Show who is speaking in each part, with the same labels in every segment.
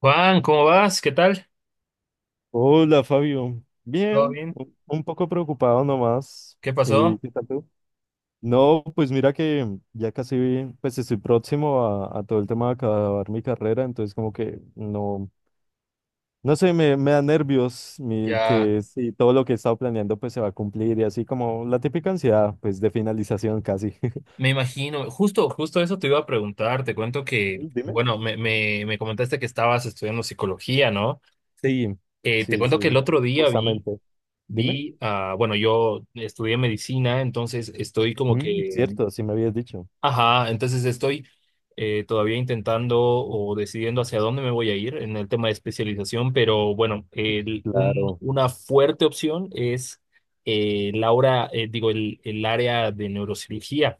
Speaker 1: Juan, ¿cómo vas? ¿Qué tal?
Speaker 2: Hola Fabio,
Speaker 1: ¿Todo
Speaker 2: bien,
Speaker 1: bien?
Speaker 2: un poco preocupado nomás.
Speaker 1: ¿Qué
Speaker 2: ¿Y
Speaker 1: pasó?
Speaker 2: qué tal tú? No, pues mira que ya casi, pues estoy próximo a todo el tema de acabar mi carrera, entonces como que no, no sé, me da nervios
Speaker 1: Ya
Speaker 2: que si todo lo que he estado planeando pues se va a cumplir y así como la típica ansiedad pues de finalización casi.
Speaker 1: me imagino, justo eso te iba a preguntar, te cuento que,
Speaker 2: Mm. Dime.
Speaker 1: bueno, me comentaste que estabas estudiando psicología, ¿no?
Speaker 2: Sí,
Speaker 1: Te
Speaker 2: sí,
Speaker 1: cuento
Speaker 2: sí,
Speaker 1: que el otro día vi,
Speaker 2: justamente. Dime.
Speaker 1: vi, ah, bueno, yo estudié medicina, entonces estoy como que.
Speaker 2: Cierto, así me habías dicho.
Speaker 1: Ajá, entonces estoy todavía intentando o decidiendo hacia dónde me voy a ir en el tema de especialización, pero bueno, el- un-
Speaker 2: Claro.
Speaker 1: una fuerte opción es la hora, digo, el área de neurocirugía.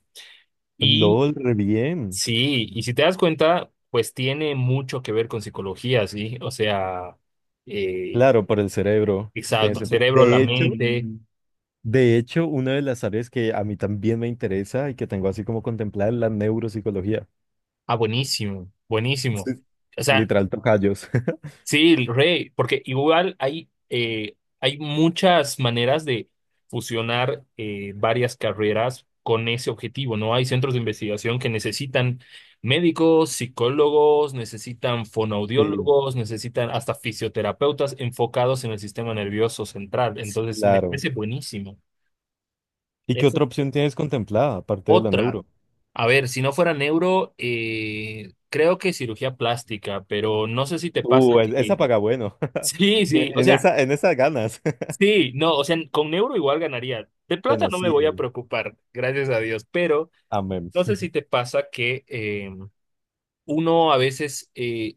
Speaker 1: Y
Speaker 2: LOL, re bien.
Speaker 1: sí, y si te das cuenta, pues tiene mucho que ver con psicología, ¿sí? O sea, eh,
Speaker 2: Claro, por el cerebro. Tiene
Speaker 1: exacto, el
Speaker 2: sentido.
Speaker 1: cerebro, la
Speaker 2: De hecho,
Speaker 1: mente.
Speaker 2: de hecho, una de las áreas que a mí también me interesa y que tengo así como contemplada es la neuropsicología.
Speaker 1: Ah, buenísimo, buenísimo.
Speaker 2: Sí. Literal tocayos.
Speaker 1: Sí, el rey, porque igual hay muchas maneras de fusionar varias carreras con ese objetivo, ¿no? Hay centros de investigación que necesitan médicos, psicólogos, necesitan
Speaker 2: Sí,
Speaker 1: fonoaudiólogos, necesitan hasta fisioterapeutas enfocados en el sistema nervioso central. Entonces, me
Speaker 2: claro.
Speaker 1: parece buenísimo.
Speaker 2: ¿Y qué
Speaker 1: Es
Speaker 2: otra opción tienes contemplada aparte de la
Speaker 1: otra.
Speaker 2: neuro?
Speaker 1: A ver, si no fuera neuro, creo que cirugía plástica, pero no sé si te pasa que.
Speaker 2: Esa paga bueno.
Speaker 1: Sí, sí,
Speaker 2: En
Speaker 1: o
Speaker 2: en
Speaker 1: sea.
Speaker 2: esa, en esas ganas.
Speaker 1: Sí, no, o sea, con euro igual ganaría. De plata
Speaker 2: Bueno,
Speaker 1: no me voy a
Speaker 2: sí.
Speaker 1: preocupar, gracias a Dios, pero
Speaker 2: Amén.
Speaker 1: no sé si te pasa que uno a veces,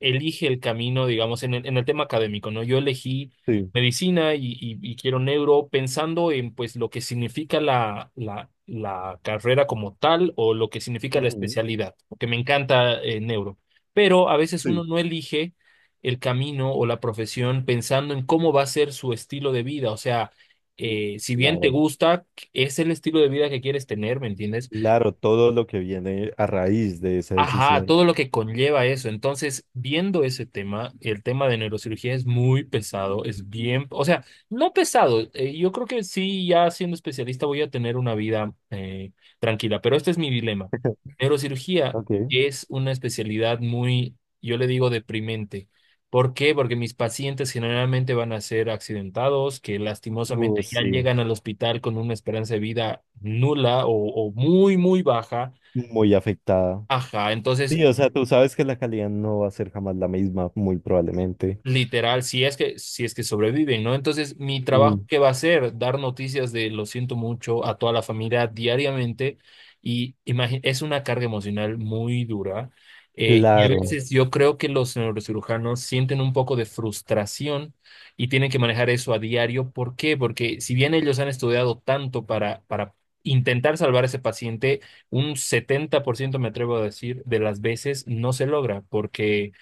Speaker 1: elige el camino, digamos, en el tema académico, ¿no? Yo elegí
Speaker 2: Sí.
Speaker 1: medicina y quiero neuro pensando en, pues, lo que significa la carrera como tal o lo que significa la
Speaker 2: Ujú,
Speaker 1: especialidad, porque me encanta neuro. Pero a veces uno
Speaker 2: sí.
Speaker 1: no elige el camino o la profesión pensando en cómo va a ser su estilo de vida, o sea,
Speaker 2: Sí,
Speaker 1: si bien te
Speaker 2: claro.
Speaker 1: gusta, es el estilo de vida que quieres tener, ¿me entiendes?
Speaker 2: Claro, todo lo que viene a raíz de esa
Speaker 1: Ajá,
Speaker 2: decisión.
Speaker 1: todo lo que conlleva eso. Entonces, viendo ese tema, el tema de neurocirugía es muy pesado, es bien, o sea, no pesado. Yo creo que sí, ya siendo especialista voy a tener una vida tranquila, pero este es mi dilema. Neurocirugía
Speaker 2: Ok.
Speaker 1: es una especialidad muy, yo le digo, deprimente. ¿Por qué? Porque mis pacientes generalmente van a ser accidentados, que lastimosamente ya
Speaker 2: Sí.
Speaker 1: llegan al hospital con una esperanza de vida nula o muy, muy baja.
Speaker 2: Muy afectada.
Speaker 1: Ajá,
Speaker 2: Sí,
Speaker 1: entonces
Speaker 2: o sea, tú sabes que la calidad no va a ser jamás la misma, muy probablemente.
Speaker 1: literal, si es que sobreviven, ¿no? Entonces, mi trabajo,
Speaker 2: Mm,
Speaker 1: ¿qué va a ser? Dar noticias de lo siento mucho a toda la familia diariamente y es una carga emocional muy dura. Y a
Speaker 2: claro,
Speaker 1: veces yo creo que los neurocirujanos sienten un poco de frustración y tienen que manejar eso a diario. ¿Por qué? Porque si bien ellos han estudiado tanto para intentar salvar a ese paciente, un 70% me atrevo a decir, de las veces no se logra porque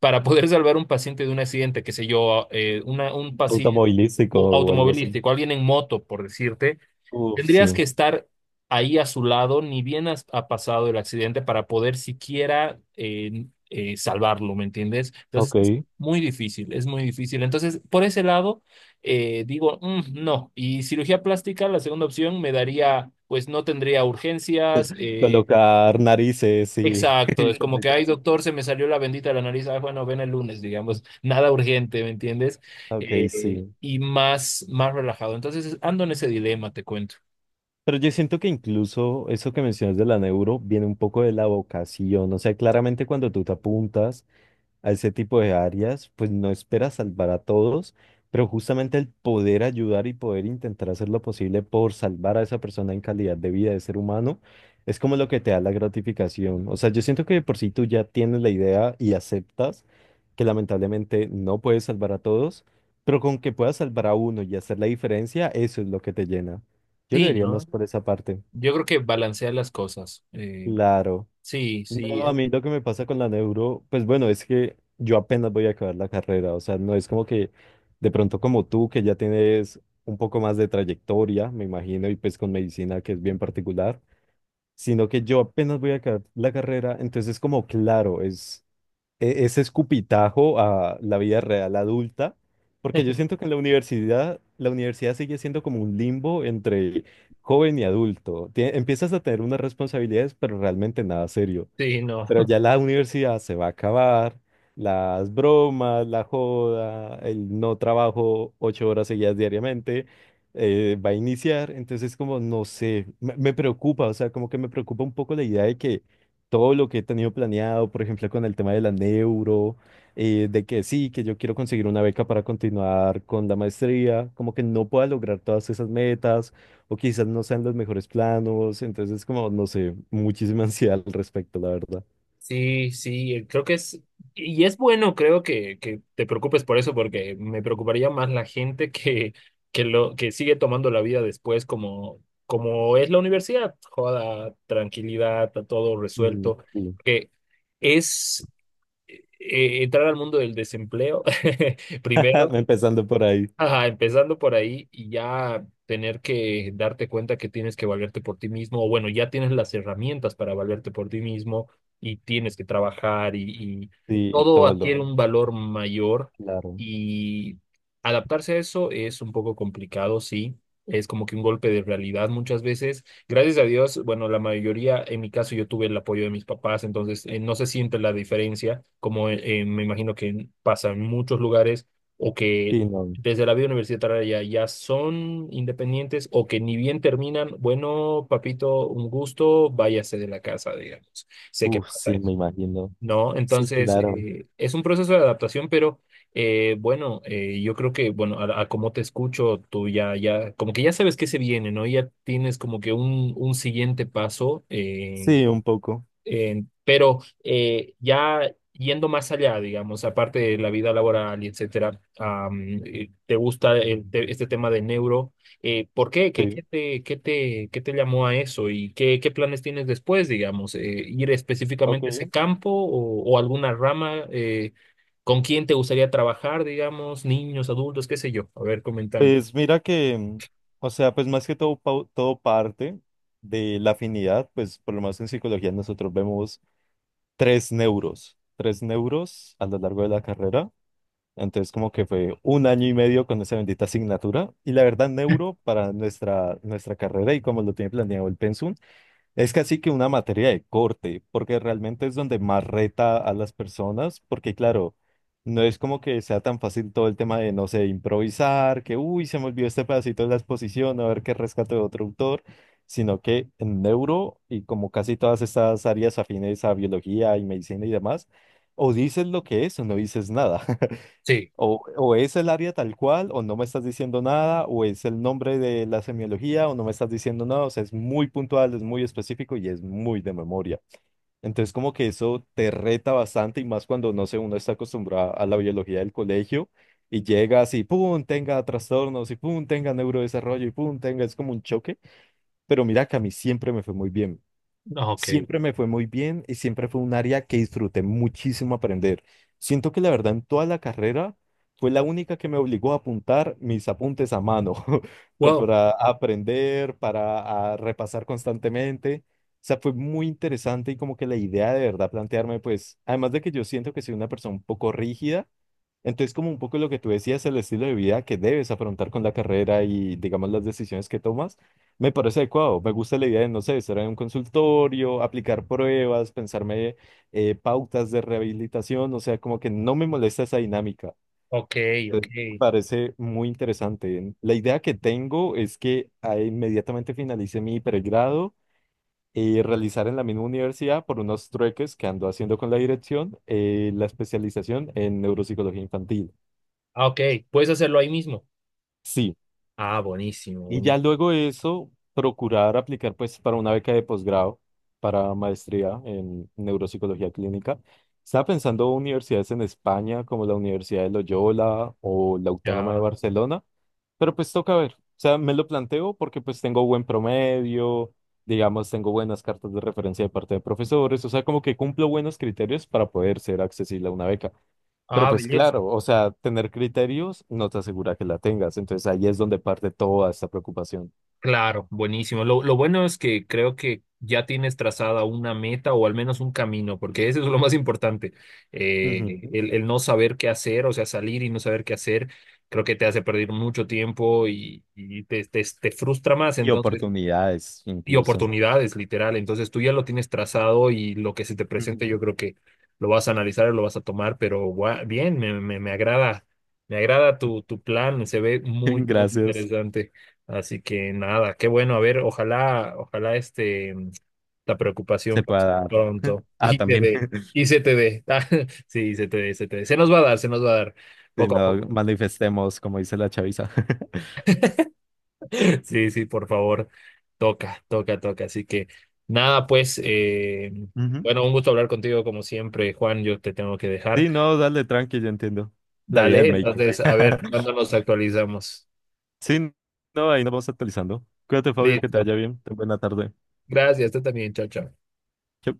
Speaker 1: para poder salvar un paciente de un accidente, qué sé yo, un paciente
Speaker 2: automovilístico o algo así.
Speaker 1: automovilístico, alguien en moto, por decirte,
Speaker 2: Uf,
Speaker 1: tendrías que
Speaker 2: sí,
Speaker 1: estar ahí a su lado, ni bien ha pasado el accidente para poder siquiera salvarlo, ¿me entiendes? Entonces,
Speaker 2: ok.
Speaker 1: es muy difícil, es muy difícil. Entonces, por ese lado, digo, "Mm, no. Y cirugía plástica, la segunda opción, me daría, pues no tendría urgencias.
Speaker 2: Colocar narices y,
Speaker 1: Exacto,
Speaker 2: y
Speaker 1: es como que,
Speaker 2: cositas
Speaker 1: ay,
Speaker 2: así.
Speaker 1: doctor, se me salió la bendita de la nariz, ay, bueno, ven el lunes, digamos, nada urgente, ¿me entiendes?
Speaker 2: Ok, sí.
Speaker 1: Y más, más relajado. Entonces, ando en ese dilema, te cuento.
Speaker 2: Pero yo siento que incluso eso que mencionas de la neuro viene un poco de la vocación. O sea, claramente cuando tú te apuntas a ese tipo de áreas, pues no espera salvar a todos, pero justamente el poder ayudar y poder intentar hacer lo posible por salvar a esa persona en calidad de vida de ser humano, es como lo que te da la gratificación. O sea, yo siento que de por si tú ya tienes la idea y aceptas que lamentablemente no puedes salvar a todos, pero con que puedas salvar a uno y hacer la diferencia, eso es lo que te llena. Yo lo
Speaker 1: Sí,
Speaker 2: diría más
Speaker 1: ¿no?
Speaker 2: por esa parte.
Speaker 1: Yo creo que balancear las cosas.
Speaker 2: Claro.
Speaker 1: Sí, sí,
Speaker 2: No, a mí lo que me pasa con la neuro, pues bueno, es que yo apenas voy a acabar la carrera, o sea, no es como que de pronto como tú, que ya tienes un poco más de trayectoria, me imagino, y pues con medicina que es bien particular, sino que yo apenas voy a acabar la carrera, entonces como claro, es ese escupitajo a la vida real adulta, porque yo siento que en la universidad sigue siendo como un limbo entre joven y adulto. Empiezas a tener unas responsabilidades, pero realmente nada serio.
Speaker 1: sí, no.
Speaker 2: Pero ya la universidad se va a acabar, las bromas, la joda, el no trabajo 8 horas seguidas diariamente, va a iniciar, entonces como no sé, me preocupa, o sea, como que me preocupa un poco la idea de que todo lo que he tenido planeado, por ejemplo, con el tema de la neuro, de que sí, que yo quiero conseguir una beca para continuar con la maestría, como que no pueda lograr todas esas metas o quizás no sean los mejores planos, entonces como, no sé, muchísima ansiedad al respecto, la verdad.
Speaker 1: Sí, sí, creo que es, y es bueno, creo que te preocupes por eso, porque me preocuparía más la gente que sigue tomando la vida después como, es la universidad, joda, tranquilidad, está todo
Speaker 2: Mm,
Speaker 1: resuelto,
Speaker 2: sí.
Speaker 1: que es entrar al mundo del desempleo primero.
Speaker 2: Empezando por ahí,
Speaker 1: Ajá, empezando por ahí y ya tener que darte cuenta que tienes que valerte por ti mismo, o bueno, ya tienes las herramientas para valerte por ti mismo y tienes que trabajar y
Speaker 2: sí,
Speaker 1: todo
Speaker 2: todo
Speaker 1: adquiere
Speaker 2: lo,
Speaker 1: un valor mayor
Speaker 2: claro,
Speaker 1: y adaptarse a eso es un poco complicado, sí, es como que un golpe de realidad muchas veces. Gracias a Dios, bueno, la mayoría, en mi caso, yo tuve el apoyo de mis papás, entonces no se siente la diferencia, como me imagino que pasa en muchos lugares o que
Speaker 2: sí, no,
Speaker 1: desde la vida universitaria ya son independientes o que ni bien terminan, bueno, papito, un gusto, váyase de la casa, digamos. Sé que
Speaker 2: uf,
Speaker 1: pasa
Speaker 2: sí,
Speaker 1: eso,
Speaker 2: me imagino,
Speaker 1: ¿no?
Speaker 2: sí,
Speaker 1: Entonces,
Speaker 2: claro,
Speaker 1: es un proceso de adaptación, pero bueno, yo creo que, bueno, a cómo te escucho, tú ya, como que ya sabes qué se viene, ¿no? Ya tienes como que un siguiente paso. eh,
Speaker 2: sí, un poco,
Speaker 1: eh, pero eh, ya yendo más allá, digamos, aparte de la vida laboral y etcétera, ¿te gusta el este tema de neuro? ¿Por qué? ¿Qué,
Speaker 2: sí,
Speaker 1: qué te, qué te, qué te llamó a eso? ¿Y qué planes tienes después, digamos? ¿Ir específicamente a ese
Speaker 2: ok,
Speaker 1: campo o alguna rama? ¿Con quién te gustaría trabajar, digamos? Niños, adultos, qué sé yo. A ver, coméntame.
Speaker 2: pues mira que, o sea, pues más que todo, todo parte de la afinidad, pues por lo menos en psicología nosotros vemos tres neuros a lo largo de la carrera, entonces como que fue un año y medio con esa bendita asignatura. Y la verdad, neuro para nuestra, carrera y como lo tiene planeado el pensum. Es casi que una materia de corte, porque realmente es donde más reta a las personas, porque claro, no es como que sea tan fácil todo el tema de, no sé, improvisar, que, uy, se me olvidó este pedacito de la exposición, a ver qué rescato de otro autor, sino que en neuro y como casi todas estas áreas afines a biología y medicina y demás, o dices lo que es o no dices nada.
Speaker 1: Sí,
Speaker 2: O es el área tal cual, o no me estás diciendo nada, o es el nombre de la semiología, o no me estás diciendo nada. O sea, es muy puntual, es muy específico y es muy de memoria. Entonces, como que eso te reta bastante y más cuando, no sé, uno está acostumbrado a la biología del colegio y llegas y pum, tenga trastornos y pum, tenga neurodesarrollo y pum, tenga, es como un choque. Pero mira que a mí siempre me fue muy bien.
Speaker 1: ok.
Speaker 2: Siempre me fue muy bien y siempre fue un área que disfruté muchísimo aprender. Siento que la verdad en toda la carrera fue la única que me obligó a apuntar mis apuntes a mano,
Speaker 1: Wow,
Speaker 2: para aprender, para a repasar constantemente. O sea, fue muy interesante y como que la idea de verdad plantearme, pues, además de que yo siento que soy una persona un poco rígida, entonces, como un poco lo que tú decías, el estilo de vida que debes afrontar con la carrera y, digamos, las decisiones que tomas, me parece adecuado. Me gusta la idea de, no sé, estar en un consultorio, aplicar pruebas, pensarme, pautas de rehabilitación, o sea, como que no me molesta esa dinámica.
Speaker 1: ok, ok.
Speaker 2: Entonces, me parece muy interesante. La idea que tengo es que inmediatamente finalice mi pregrado y realizar en la misma universidad por unos trueques que ando haciendo con la dirección, la especialización en neuropsicología infantil.
Speaker 1: Ah, ok, puedes hacerlo ahí mismo.
Speaker 2: Sí.
Speaker 1: Ah,
Speaker 2: Y
Speaker 1: buenísimo,
Speaker 2: ya luego de eso, procurar aplicar pues para una beca de posgrado, para maestría en neuropsicología clínica. Estaba pensando universidades en España como la Universidad de Loyola o la Autónoma de
Speaker 1: Ya.
Speaker 2: Barcelona, pero pues toca ver. O sea, me lo planteo porque pues tengo buen promedio, digamos, tengo buenas cartas de referencia de parte de profesores, o sea, como que cumplo buenos criterios para poder ser accesible a una beca. Pero
Speaker 1: Ah,
Speaker 2: pues
Speaker 1: belleza.
Speaker 2: claro, o sea, tener criterios no te asegura que la tengas. Entonces ahí es donde parte toda esta preocupación.
Speaker 1: Claro, buenísimo. Lo bueno es que creo que ya tienes trazada una meta o al menos un camino, porque eso es lo más importante.
Speaker 2: Ujú.
Speaker 1: El no saber qué hacer, o sea, salir y no saber qué hacer, creo que te hace perder mucho tiempo y te frustra más.
Speaker 2: Y
Speaker 1: Entonces,
Speaker 2: oportunidades
Speaker 1: y
Speaker 2: incluso.
Speaker 1: oportunidades, literal. Entonces tú ya lo tienes trazado y lo que se te presente, yo
Speaker 2: Ujú.
Speaker 1: creo que lo vas a analizar y lo vas a tomar, pero bien, me agrada, tu, tu plan, se ve muy, muy
Speaker 2: Gracias.
Speaker 1: interesante. Así que nada, qué bueno, a ver, ojalá la
Speaker 2: Se
Speaker 1: preocupación
Speaker 2: puede
Speaker 1: pase
Speaker 2: dar.
Speaker 1: pronto.
Speaker 2: Ah, también.
Speaker 1: Y se te dé, y se te dé. Sí, se te dé, se te dé. Se nos va a dar, se nos va a dar,
Speaker 2: Si
Speaker 1: poco a
Speaker 2: no,
Speaker 1: poco.
Speaker 2: manifestemos, como dice la chaviza.
Speaker 1: Sí, sí, por favor, toca, toca, toca. Así que nada, pues,
Speaker 2: Ujú.
Speaker 1: bueno, un gusto hablar contigo como siempre, Juan, yo te tengo que dejar.
Speaker 2: Sí, no, dale tranqui, yo entiendo. La vida
Speaker 1: Dale,
Speaker 2: del médico.
Speaker 1: entonces, a ver, ¿cuándo nos actualizamos?
Speaker 2: Sí, no, ahí nos vamos actualizando. Cuídate, Fabio, que te
Speaker 1: Listo.
Speaker 2: vaya bien. Ten buena tarde.
Speaker 1: Gracias, tú también, chao, chao.
Speaker 2: Chao.